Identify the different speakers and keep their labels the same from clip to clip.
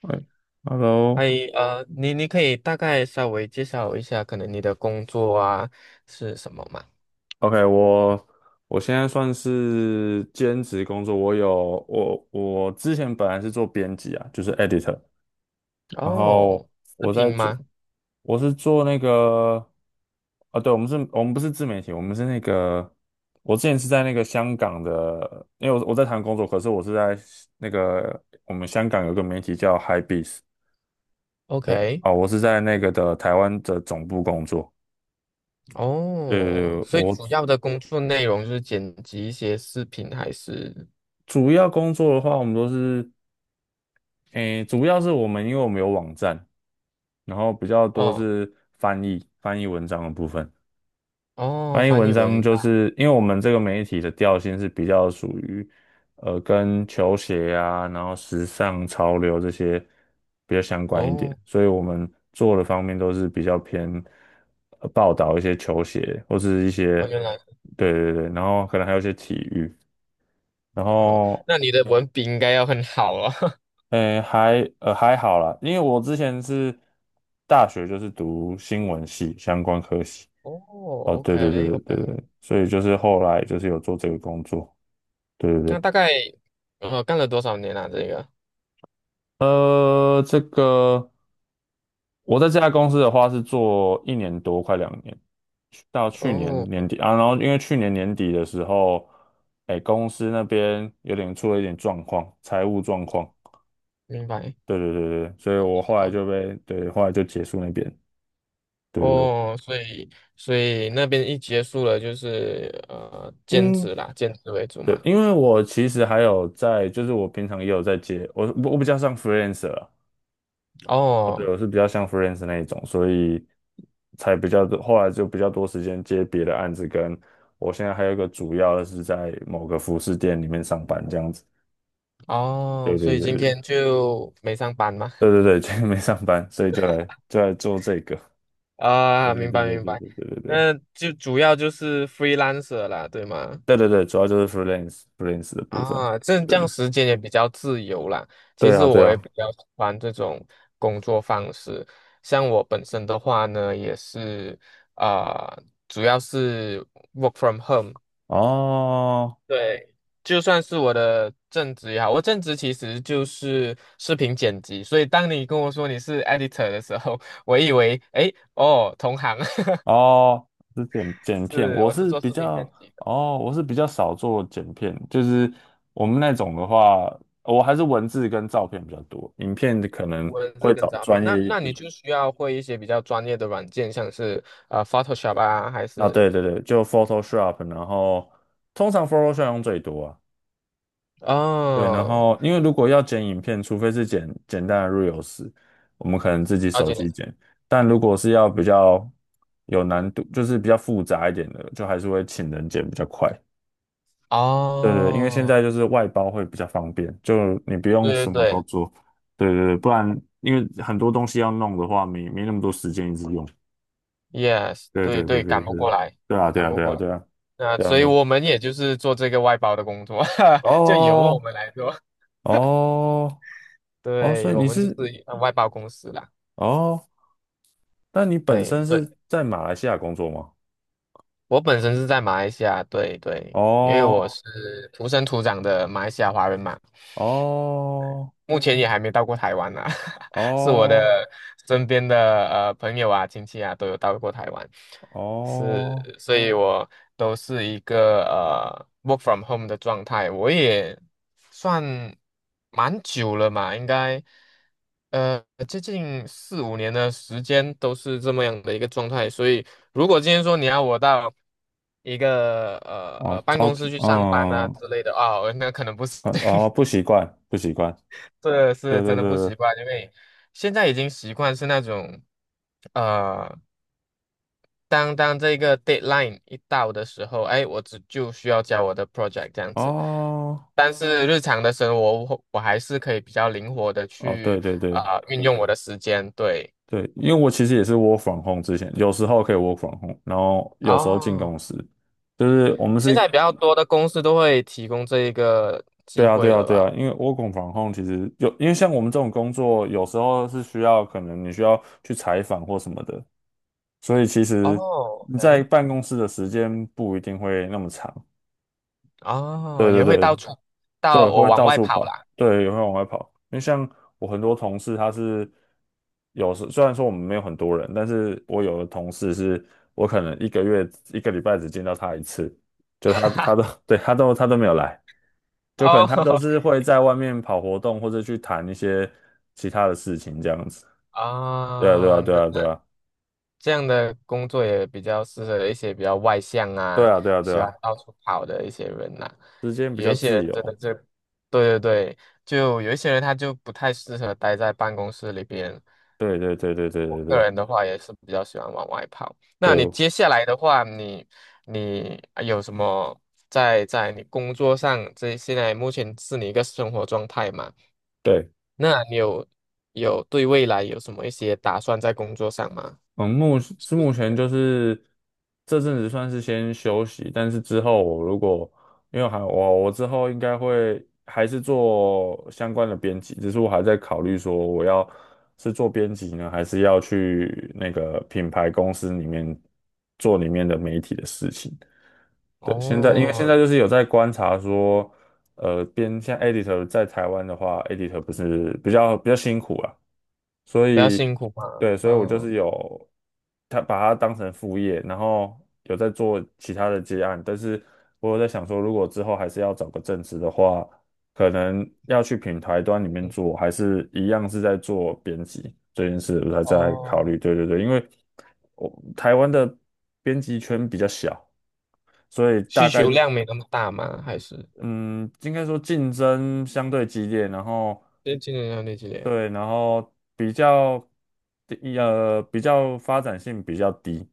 Speaker 1: 哎
Speaker 2: 嗨，
Speaker 1: ，Hello，OK，
Speaker 2: 你可以大概稍微介绍一下，可能你的工作啊是什么吗？
Speaker 1: 我我现在算是兼职工作，我有我我之前本来是做编辑啊，就是 editor，然后
Speaker 2: 哦，视
Speaker 1: 我在
Speaker 2: 频
Speaker 1: 做，
Speaker 2: 吗
Speaker 1: 我是做那个，啊，对，我们是，我们不是自媒体，我们是那个，我之前是在那个香港的，因为我在台湾工作，可是我是在那个，我们香港有个媒体叫 HIBEAST
Speaker 2: ？OK。
Speaker 1: 啊，我是在那个的台湾的总部工作。对对
Speaker 2: 哦，
Speaker 1: 对，
Speaker 2: 所以
Speaker 1: 我。
Speaker 2: 主要的工作内容就是剪辑一些视频，还是
Speaker 1: 主要工作的话，我们都是，诶，主要是我们，因为我们有网站，然后比较多
Speaker 2: 哦
Speaker 1: 是翻译，翻译文章的部分。
Speaker 2: 哦
Speaker 1: 翻译
Speaker 2: 翻
Speaker 1: 文
Speaker 2: 译
Speaker 1: 章
Speaker 2: 文
Speaker 1: 就是因为我们这个媒体的调性是比较属于，跟球鞋啊，然后时尚潮流这些比较相
Speaker 2: 档？
Speaker 1: 关一点，
Speaker 2: 哦
Speaker 1: 所以我们做的方面都是比较偏，报道一些球鞋或是一些，
Speaker 2: 哦，原来。
Speaker 1: 对对对，然后可能还有一些体育。然
Speaker 2: 好，
Speaker 1: 后
Speaker 2: 那你的文笔应该要很好哦。
Speaker 1: 诶，还好啦，因为我之前是大学就是读新闻系相关科系，
Speaker 2: 哦
Speaker 1: 哦，对对对
Speaker 2: ，OK
Speaker 1: 对对
Speaker 2: OK。
Speaker 1: 对，所以就是后来就是有做这个工作，对对
Speaker 2: 那
Speaker 1: 对，
Speaker 2: 大概干了多少年啊？这个
Speaker 1: 这个我在这家公司的话是做1年多，快2年，到去年
Speaker 2: 哦，
Speaker 1: 年底啊，然后因为去年年底的时候，诶，公司那边有点出了一点状况，财务状况，
Speaker 2: 明白，
Speaker 1: 对对对对，所以
Speaker 2: 了
Speaker 1: 我后来
Speaker 2: 解。
Speaker 1: 就，后来就结束那边，对对对。
Speaker 2: 哦，所以所以那边一结束了，就是兼
Speaker 1: 因
Speaker 2: 职啦，兼职为主
Speaker 1: 对，
Speaker 2: 嘛。
Speaker 1: 因为我其实还有在，就是我平常也有在接，我比较像 freelancer 啊，哦，对，
Speaker 2: 哦
Speaker 1: 我是比较像 freelancer 那一种，所以才比较多，后来就比较多时间接别的案子，跟我现在还有一个主要的是在某个服饰店里面上班这样子。
Speaker 2: 哦，
Speaker 1: 对
Speaker 2: 所
Speaker 1: 对
Speaker 2: 以
Speaker 1: 对
Speaker 2: 今天
Speaker 1: 对
Speaker 2: 就没上班嘛。
Speaker 1: 对对对，今天没上班，所以就来做这个。对
Speaker 2: 啊，
Speaker 1: 对
Speaker 2: 明
Speaker 1: 对
Speaker 2: 白
Speaker 1: 对
Speaker 2: 明
Speaker 1: 对
Speaker 2: 白。
Speaker 1: 对对对对
Speaker 2: 那就主要就是 freelancer 啦，对吗？
Speaker 1: 对对对，主要就是 freelance 的部分。
Speaker 2: 啊，这
Speaker 1: 对
Speaker 2: 这样
Speaker 1: 对
Speaker 2: 时间也比较自由啦。其
Speaker 1: 对
Speaker 2: 实
Speaker 1: 啊对
Speaker 2: 我也
Speaker 1: 啊，
Speaker 2: 比较喜欢这种工作方式。像我本身的话呢，也是啊、呃主要是 work from home。
Speaker 1: 哦。
Speaker 2: 对，就算是我的正职也好，我正职其实就是视频剪辑，所以当你跟我说你是 editor 的时候，我以为，哎，哦，同行。
Speaker 1: 哦，是剪剪片，
Speaker 2: 是，
Speaker 1: 我
Speaker 2: 我是
Speaker 1: 是
Speaker 2: 做
Speaker 1: 比
Speaker 2: 视频剪
Speaker 1: 较，
Speaker 2: 辑的。
Speaker 1: 哦，我是比较少做剪片，就是我们那种的话，我还是文字跟照片比较多，影片的可能
Speaker 2: 文字
Speaker 1: 会
Speaker 2: 跟
Speaker 1: 找
Speaker 2: 照
Speaker 1: 专
Speaker 2: 片，
Speaker 1: 业
Speaker 2: 那
Speaker 1: 一
Speaker 2: 那你
Speaker 1: 点。
Speaker 2: 就需要会一些比较专业的软件，像是Photoshop 啊，还
Speaker 1: 啊，
Speaker 2: 是
Speaker 1: 对对对，就 Photoshop，然后通常 Photoshop 用最多啊。对，然
Speaker 2: 哦，
Speaker 1: 后因为如果要剪影片，除非是剪简单的 Reels，我们可能自己
Speaker 2: 了
Speaker 1: 手
Speaker 2: 解了。
Speaker 1: 机剪，但如果是要比较有难度，就是比较复杂一点的，就还是会请人剪比较快。对对，因为现
Speaker 2: 哦，
Speaker 1: 在就是外包会比较方便，就你不用
Speaker 2: 对对
Speaker 1: 什么
Speaker 2: 对
Speaker 1: 都做。对对对，不然因为很多东西要弄的话，没那么多时间一直用。
Speaker 2: ，yes,
Speaker 1: 对
Speaker 2: 对
Speaker 1: 对对
Speaker 2: 对，
Speaker 1: 对
Speaker 2: 赶不过
Speaker 1: 对，
Speaker 2: 来，
Speaker 1: 对啊对
Speaker 2: 赶
Speaker 1: 啊
Speaker 2: 不
Speaker 1: 对啊
Speaker 2: 过来。
Speaker 1: 对啊
Speaker 2: 那
Speaker 1: 对啊，
Speaker 2: 所以
Speaker 1: 没
Speaker 2: 我们也就是做这个外包的工作，就由我
Speaker 1: 哦
Speaker 2: 们来做。
Speaker 1: 哦哦，所以
Speaker 2: 对，我
Speaker 1: 你
Speaker 2: 们就
Speaker 1: 是
Speaker 2: 是一外包公司啦。
Speaker 1: 哦，那你本
Speaker 2: 对
Speaker 1: 身
Speaker 2: 对，
Speaker 1: 是在马来西亚工作吗？
Speaker 2: 我本身是在马来西亚，对对，因为我
Speaker 1: 哦
Speaker 2: 是土生土长的马来西亚华人嘛。
Speaker 1: 哦
Speaker 2: 目前也还没到过台湾呢、啊。 是我
Speaker 1: 哦
Speaker 2: 的身边的朋友啊、亲戚啊都有到过台湾。是，
Speaker 1: 哦
Speaker 2: 所以我都是一个work from home 的状态，我也算蛮久了嘛，应该呃接近四五年的时间都是这么样的一个状态，所以如果今天说你要我到一个
Speaker 1: 哦，
Speaker 2: 办
Speaker 1: 超
Speaker 2: 公室
Speaker 1: 级
Speaker 2: 去上班啊
Speaker 1: 嗯
Speaker 2: 之类的啊、那可能不是。
Speaker 1: 嗯哦，不习惯不习惯，
Speaker 2: 这
Speaker 1: 对
Speaker 2: 是真
Speaker 1: 对
Speaker 2: 的不
Speaker 1: 对
Speaker 2: 习
Speaker 1: 对，
Speaker 2: 惯，因为现在已经习惯是那种，呃，当当这个 deadline 一到的时候，哎，我只就需要交我的 project 这样子。
Speaker 1: 哦。
Speaker 2: 但是日常的生活，我还是可以比较灵活的
Speaker 1: 哦，对
Speaker 2: 去
Speaker 1: 对对
Speaker 2: 运用我的时间。对，
Speaker 1: 对，因为我其实也是 work f r 之前，有时候可以 work f r 然后有时候进
Speaker 2: 哦，
Speaker 1: 公司，就是我们
Speaker 2: 现在
Speaker 1: 是，
Speaker 2: 比较多的公司都会提供这一个
Speaker 1: 对
Speaker 2: 机
Speaker 1: 啊对
Speaker 2: 会
Speaker 1: 啊
Speaker 2: 了
Speaker 1: 对
Speaker 2: 吧？
Speaker 1: 啊，因为 work f r 其实有，因为像我们这种工作，有时候是需要可能你需要去采访或什么的，所以其实
Speaker 2: 哦，
Speaker 1: 你在
Speaker 2: 哎，
Speaker 1: 办公室的时间不一定会那么长。对
Speaker 2: 哦，
Speaker 1: 对
Speaker 2: 也会到
Speaker 1: 对，
Speaker 2: 处
Speaker 1: 对，
Speaker 2: 到我
Speaker 1: 会
Speaker 2: 往
Speaker 1: 到
Speaker 2: 外
Speaker 1: 处
Speaker 2: 跑
Speaker 1: 跑，
Speaker 2: 啦。
Speaker 1: 对，也会往外跑。因为像我很多同事，他是有时虽然说我们没有很多人，但是我有的同事是我可能一个月一个礼拜只见到他一次，就他都 对他都他都没有来，就可能
Speaker 2: 哦。
Speaker 1: 他都是会在外面跑活动或者去谈一些其他的事情这样子。对啊，对
Speaker 2: 啊，
Speaker 1: 啊，对
Speaker 2: 那
Speaker 1: 啊，对啊，
Speaker 2: 这样的工作也比较适合一些比较外向
Speaker 1: 对
Speaker 2: 啊，
Speaker 1: 啊，对啊，对
Speaker 2: 喜欢
Speaker 1: 啊，
Speaker 2: 到处跑的一些人呐、
Speaker 1: 时间比
Speaker 2: 有
Speaker 1: 较
Speaker 2: 一些
Speaker 1: 自
Speaker 2: 人真的
Speaker 1: 由。
Speaker 2: 是，对对对，就有一些人他就不太适合待在办公室里边。
Speaker 1: 对对对对对
Speaker 2: 我
Speaker 1: 对
Speaker 2: 个
Speaker 1: 对
Speaker 2: 人的话也是比较喜欢往外跑。那你
Speaker 1: 对
Speaker 2: 接下来的话，你啊有什么在在你工作上，这现在目前是你一个生活状态嘛？
Speaker 1: 对。
Speaker 2: 那你有有对未来有什么一些打算在工作上吗？
Speaker 1: 嗯，目前就是这阵子算是先休息，但是之后我如果因为还，我之后应该会还是做相关的编辑，只是我还在考虑说我要是做编辑呢，还是要去那个品牌公司里面做里面的媒体的事情。对，现在因为现
Speaker 2: 哦，
Speaker 1: 在就是有在观察说，像 editor 在台湾的话，editor 不是比较辛苦啊，所
Speaker 2: 比较
Speaker 1: 以
Speaker 2: 辛苦嘛，
Speaker 1: 对，所以我就
Speaker 2: 嗯，
Speaker 1: 是有他把它当成副业，然后有在做其他的接案，但是我有在想说，如果之后还是要找个正职的话，可能要去品牌端里面
Speaker 2: 嗯
Speaker 1: 做，还是一样是在做编辑这件事，我才在考虑。
Speaker 2: 哦，
Speaker 1: 对对对，因为我台湾的编辑圈比较小。所以大
Speaker 2: 需
Speaker 1: 概
Speaker 2: 求量没那么大吗？还是
Speaker 1: 嗯，应该说竞争相对激烈，然后
Speaker 2: 这今年要那几年？
Speaker 1: 对，然后比较发展性比较低，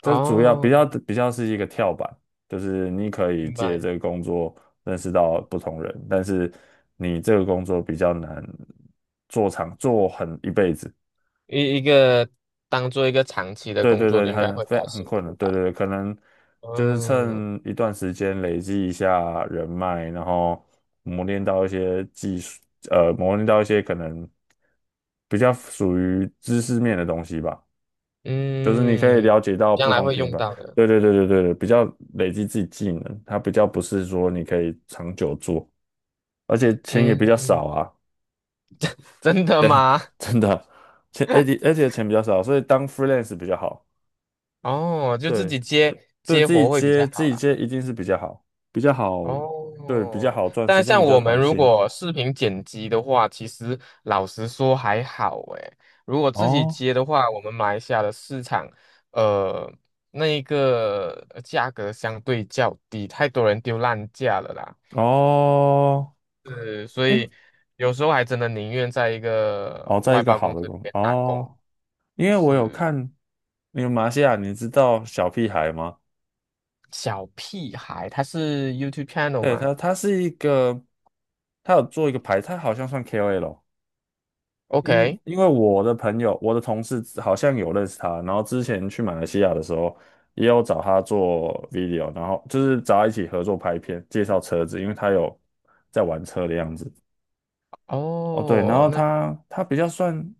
Speaker 1: 这主要比较
Speaker 2: 哦，
Speaker 1: 比较是一个跳板，就是你可以
Speaker 2: 明
Speaker 1: 借
Speaker 2: 白，
Speaker 1: 这个工作认识到不同人，但是你这个工作比较难做长做很一辈子。
Speaker 2: 一一个当做一个长期的
Speaker 1: 对
Speaker 2: 工
Speaker 1: 对
Speaker 2: 作，
Speaker 1: 对，
Speaker 2: 应该
Speaker 1: 很
Speaker 2: 会比
Speaker 1: 非
Speaker 2: 较
Speaker 1: 很
Speaker 2: 辛
Speaker 1: 困难，
Speaker 2: 苦
Speaker 1: 对
Speaker 2: 吧？
Speaker 1: 对对，可能就是
Speaker 2: 嗯
Speaker 1: 趁一段时间累积一下人脉，然后磨练到一些技术，磨练到一些可能比较属于知识面的东西吧，就是你可以
Speaker 2: 嗯，
Speaker 1: 了解到
Speaker 2: 将
Speaker 1: 不
Speaker 2: 来
Speaker 1: 同
Speaker 2: 会
Speaker 1: 品
Speaker 2: 用
Speaker 1: 牌，
Speaker 2: 到的，
Speaker 1: 对对对对对对，比较累积自己技能，它比较不是说你可以长久做，而且钱
Speaker 2: 嗯
Speaker 1: 也比较
Speaker 2: 嗯，
Speaker 1: 少啊，
Speaker 2: 真的吗？
Speaker 1: 真的，钱而且而且钱比较少，所以当 freelance 比较好，
Speaker 2: 哦，就自
Speaker 1: 对，
Speaker 2: 己接接活会比较
Speaker 1: 自
Speaker 2: 好
Speaker 1: 己
Speaker 2: 啦。
Speaker 1: 接一定是比较好，比较好，对，比较
Speaker 2: 哦，
Speaker 1: 好赚，
Speaker 2: 但
Speaker 1: 时间
Speaker 2: 像
Speaker 1: 比较
Speaker 2: 我们
Speaker 1: 弹
Speaker 2: 如
Speaker 1: 性。
Speaker 2: 果视频剪辑的话，其实老实说还好诶。如果自己
Speaker 1: 哦
Speaker 2: 接的话，我们马来西亚的市场，呃，那一个价格相对较低，太多人丢烂价了啦。
Speaker 1: 哦，
Speaker 2: 是，所
Speaker 1: 诶，
Speaker 2: 以有时候还真的宁愿在一个
Speaker 1: 哦，在
Speaker 2: 外
Speaker 1: 一个
Speaker 2: 包
Speaker 1: 好
Speaker 2: 公
Speaker 1: 的
Speaker 2: 司里
Speaker 1: 公司
Speaker 2: 面打工。
Speaker 1: 哦，因为我有
Speaker 2: 是
Speaker 1: 看，那个马来西亚，你知道小屁孩吗？
Speaker 2: 小屁孩，他是 YouTube channel
Speaker 1: 对
Speaker 2: 吗
Speaker 1: 他，他是一个，他有做一个牌，他好像算 KOL，因
Speaker 2: ？OK。
Speaker 1: 因为我的朋友，我的同事好像有认识他，然后之前去马来西亚的时候，也有找他做 video，然后就是找他一起合作拍片，介绍车子，因为他有在玩车的样子。哦，对，然
Speaker 2: 哦，
Speaker 1: 后
Speaker 2: 那。
Speaker 1: 他他比较算，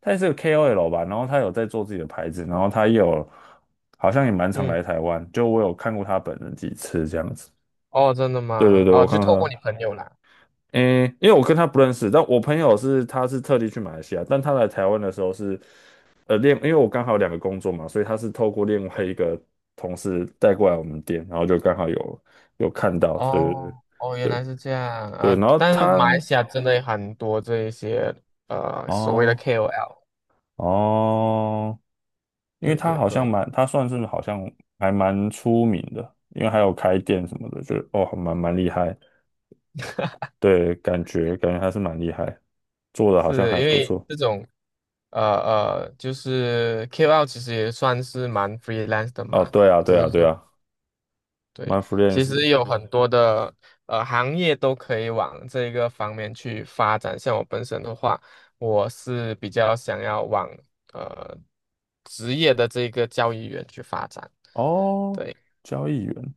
Speaker 1: 他也是个 KOL 吧，然后他有在做自己的牌子，然后他也有好像也蛮常
Speaker 2: 嗯。
Speaker 1: 来台湾，就我有看过他本人几次这样子。
Speaker 2: 哦，真的
Speaker 1: 对对
Speaker 2: 吗？
Speaker 1: 对，我
Speaker 2: 哦，
Speaker 1: 看
Speaker 2: 就
Speaker 1: 到
Speaker 2: 透过
Speaker 1: 他。
Speaker 2: 你朋友啦。
Speaker 1: 诶，因为我跟他不认识，但我朋友是他是特地去马来西亚，但他来台湾的时候是，因为我刚好有2个工作嘛，所以他是透过另外
Speaker 2: 对，
Speaker 1: 一个同事带过来我们店，然后就刚好有有看到，对对对
Speaker 2: 哦哦，原
Speaker 1: 对
Speaker 2: 来是这样
Speaker 1: 对，
Speaker 2: 啊，
Speaker 1: 然后
Speaker 2: 但是
Speaker 1: 他
Speaker 2: 马来西亚真的很多这一些所谓的
Speaker 1: 哦
Speaker 2: KOL,
Speaker 1: 哦，因为
Speaker 2: 对
Speaker 1: 他
Speaker 2: 对
Speaker 1: 好像
Speaker 2: 对，
Speaker 1: 蛮，他算是好像还蛮出名的，因为还有开店什么的，就哦蛮厉害，对，感觉还是蛮厉害，做的好像
Speaker 2: 是
Speaker 1: 还
Speaker 2: 因
Speaker 1: 不
Speaker 2: 为
Speaker 1: 错。
Speaker 2: 这种就是 KOL 其实也算是蛮 freelance 的
Speaker 1: 哦，
Speaker 2: 嘛，
Speaker 1: 对啊，
Speaker 2: 只
Speaker 1: 对啊，
Speaker 2: 是
Speaker 1: 对
Speaker 2: 说。
Speaker 1: 啊，m y
Speaker 2: 对，
Speaker 1: f r i e n d
Speaker 2: 其
Speaker 1: s
Speaker 2: 实有嗯很多的行业都可以往这个方面去发展。像我本身的话，我是比较想要往呃职业的这个交易员去发展。
Speaker 1: 哦，
Speaker 2: 对
Speaker 1: 交易员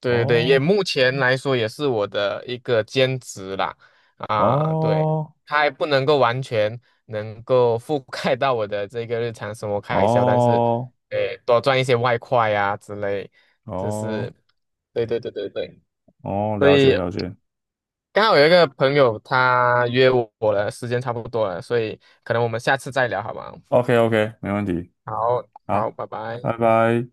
Speaker 2: 对对，也
Speaker 1: 哦
Speaker 2: 目前来说也是我的一个兼职啦。啊，对，
Speaker 1: 哦
Speaker 2: 它还不能够完全能够覆盖到我的这个日常生活开销，但是，
Speaker 1: 哦
Speaker 2: 诶，多赚一些外快啊之类，这
Speaker 1: 哦
Speaker 2: 是，对对对对对。
Speaker 1: 哦，
Speaker 2: 所
Speaker 1: 了解
Speaker 2: 以
Speaker 1: 了解
Speaker 2: 刚好有一个朋友他约我了，时间差不多了，所以可能我们下次再聊好吗？
Speaker 1: ，OK OK，没问题，
Speaker 2: 好，好，
Speaker 1: 好，
Speaker 2: 拜拜。
Speaker 1: 拜拜。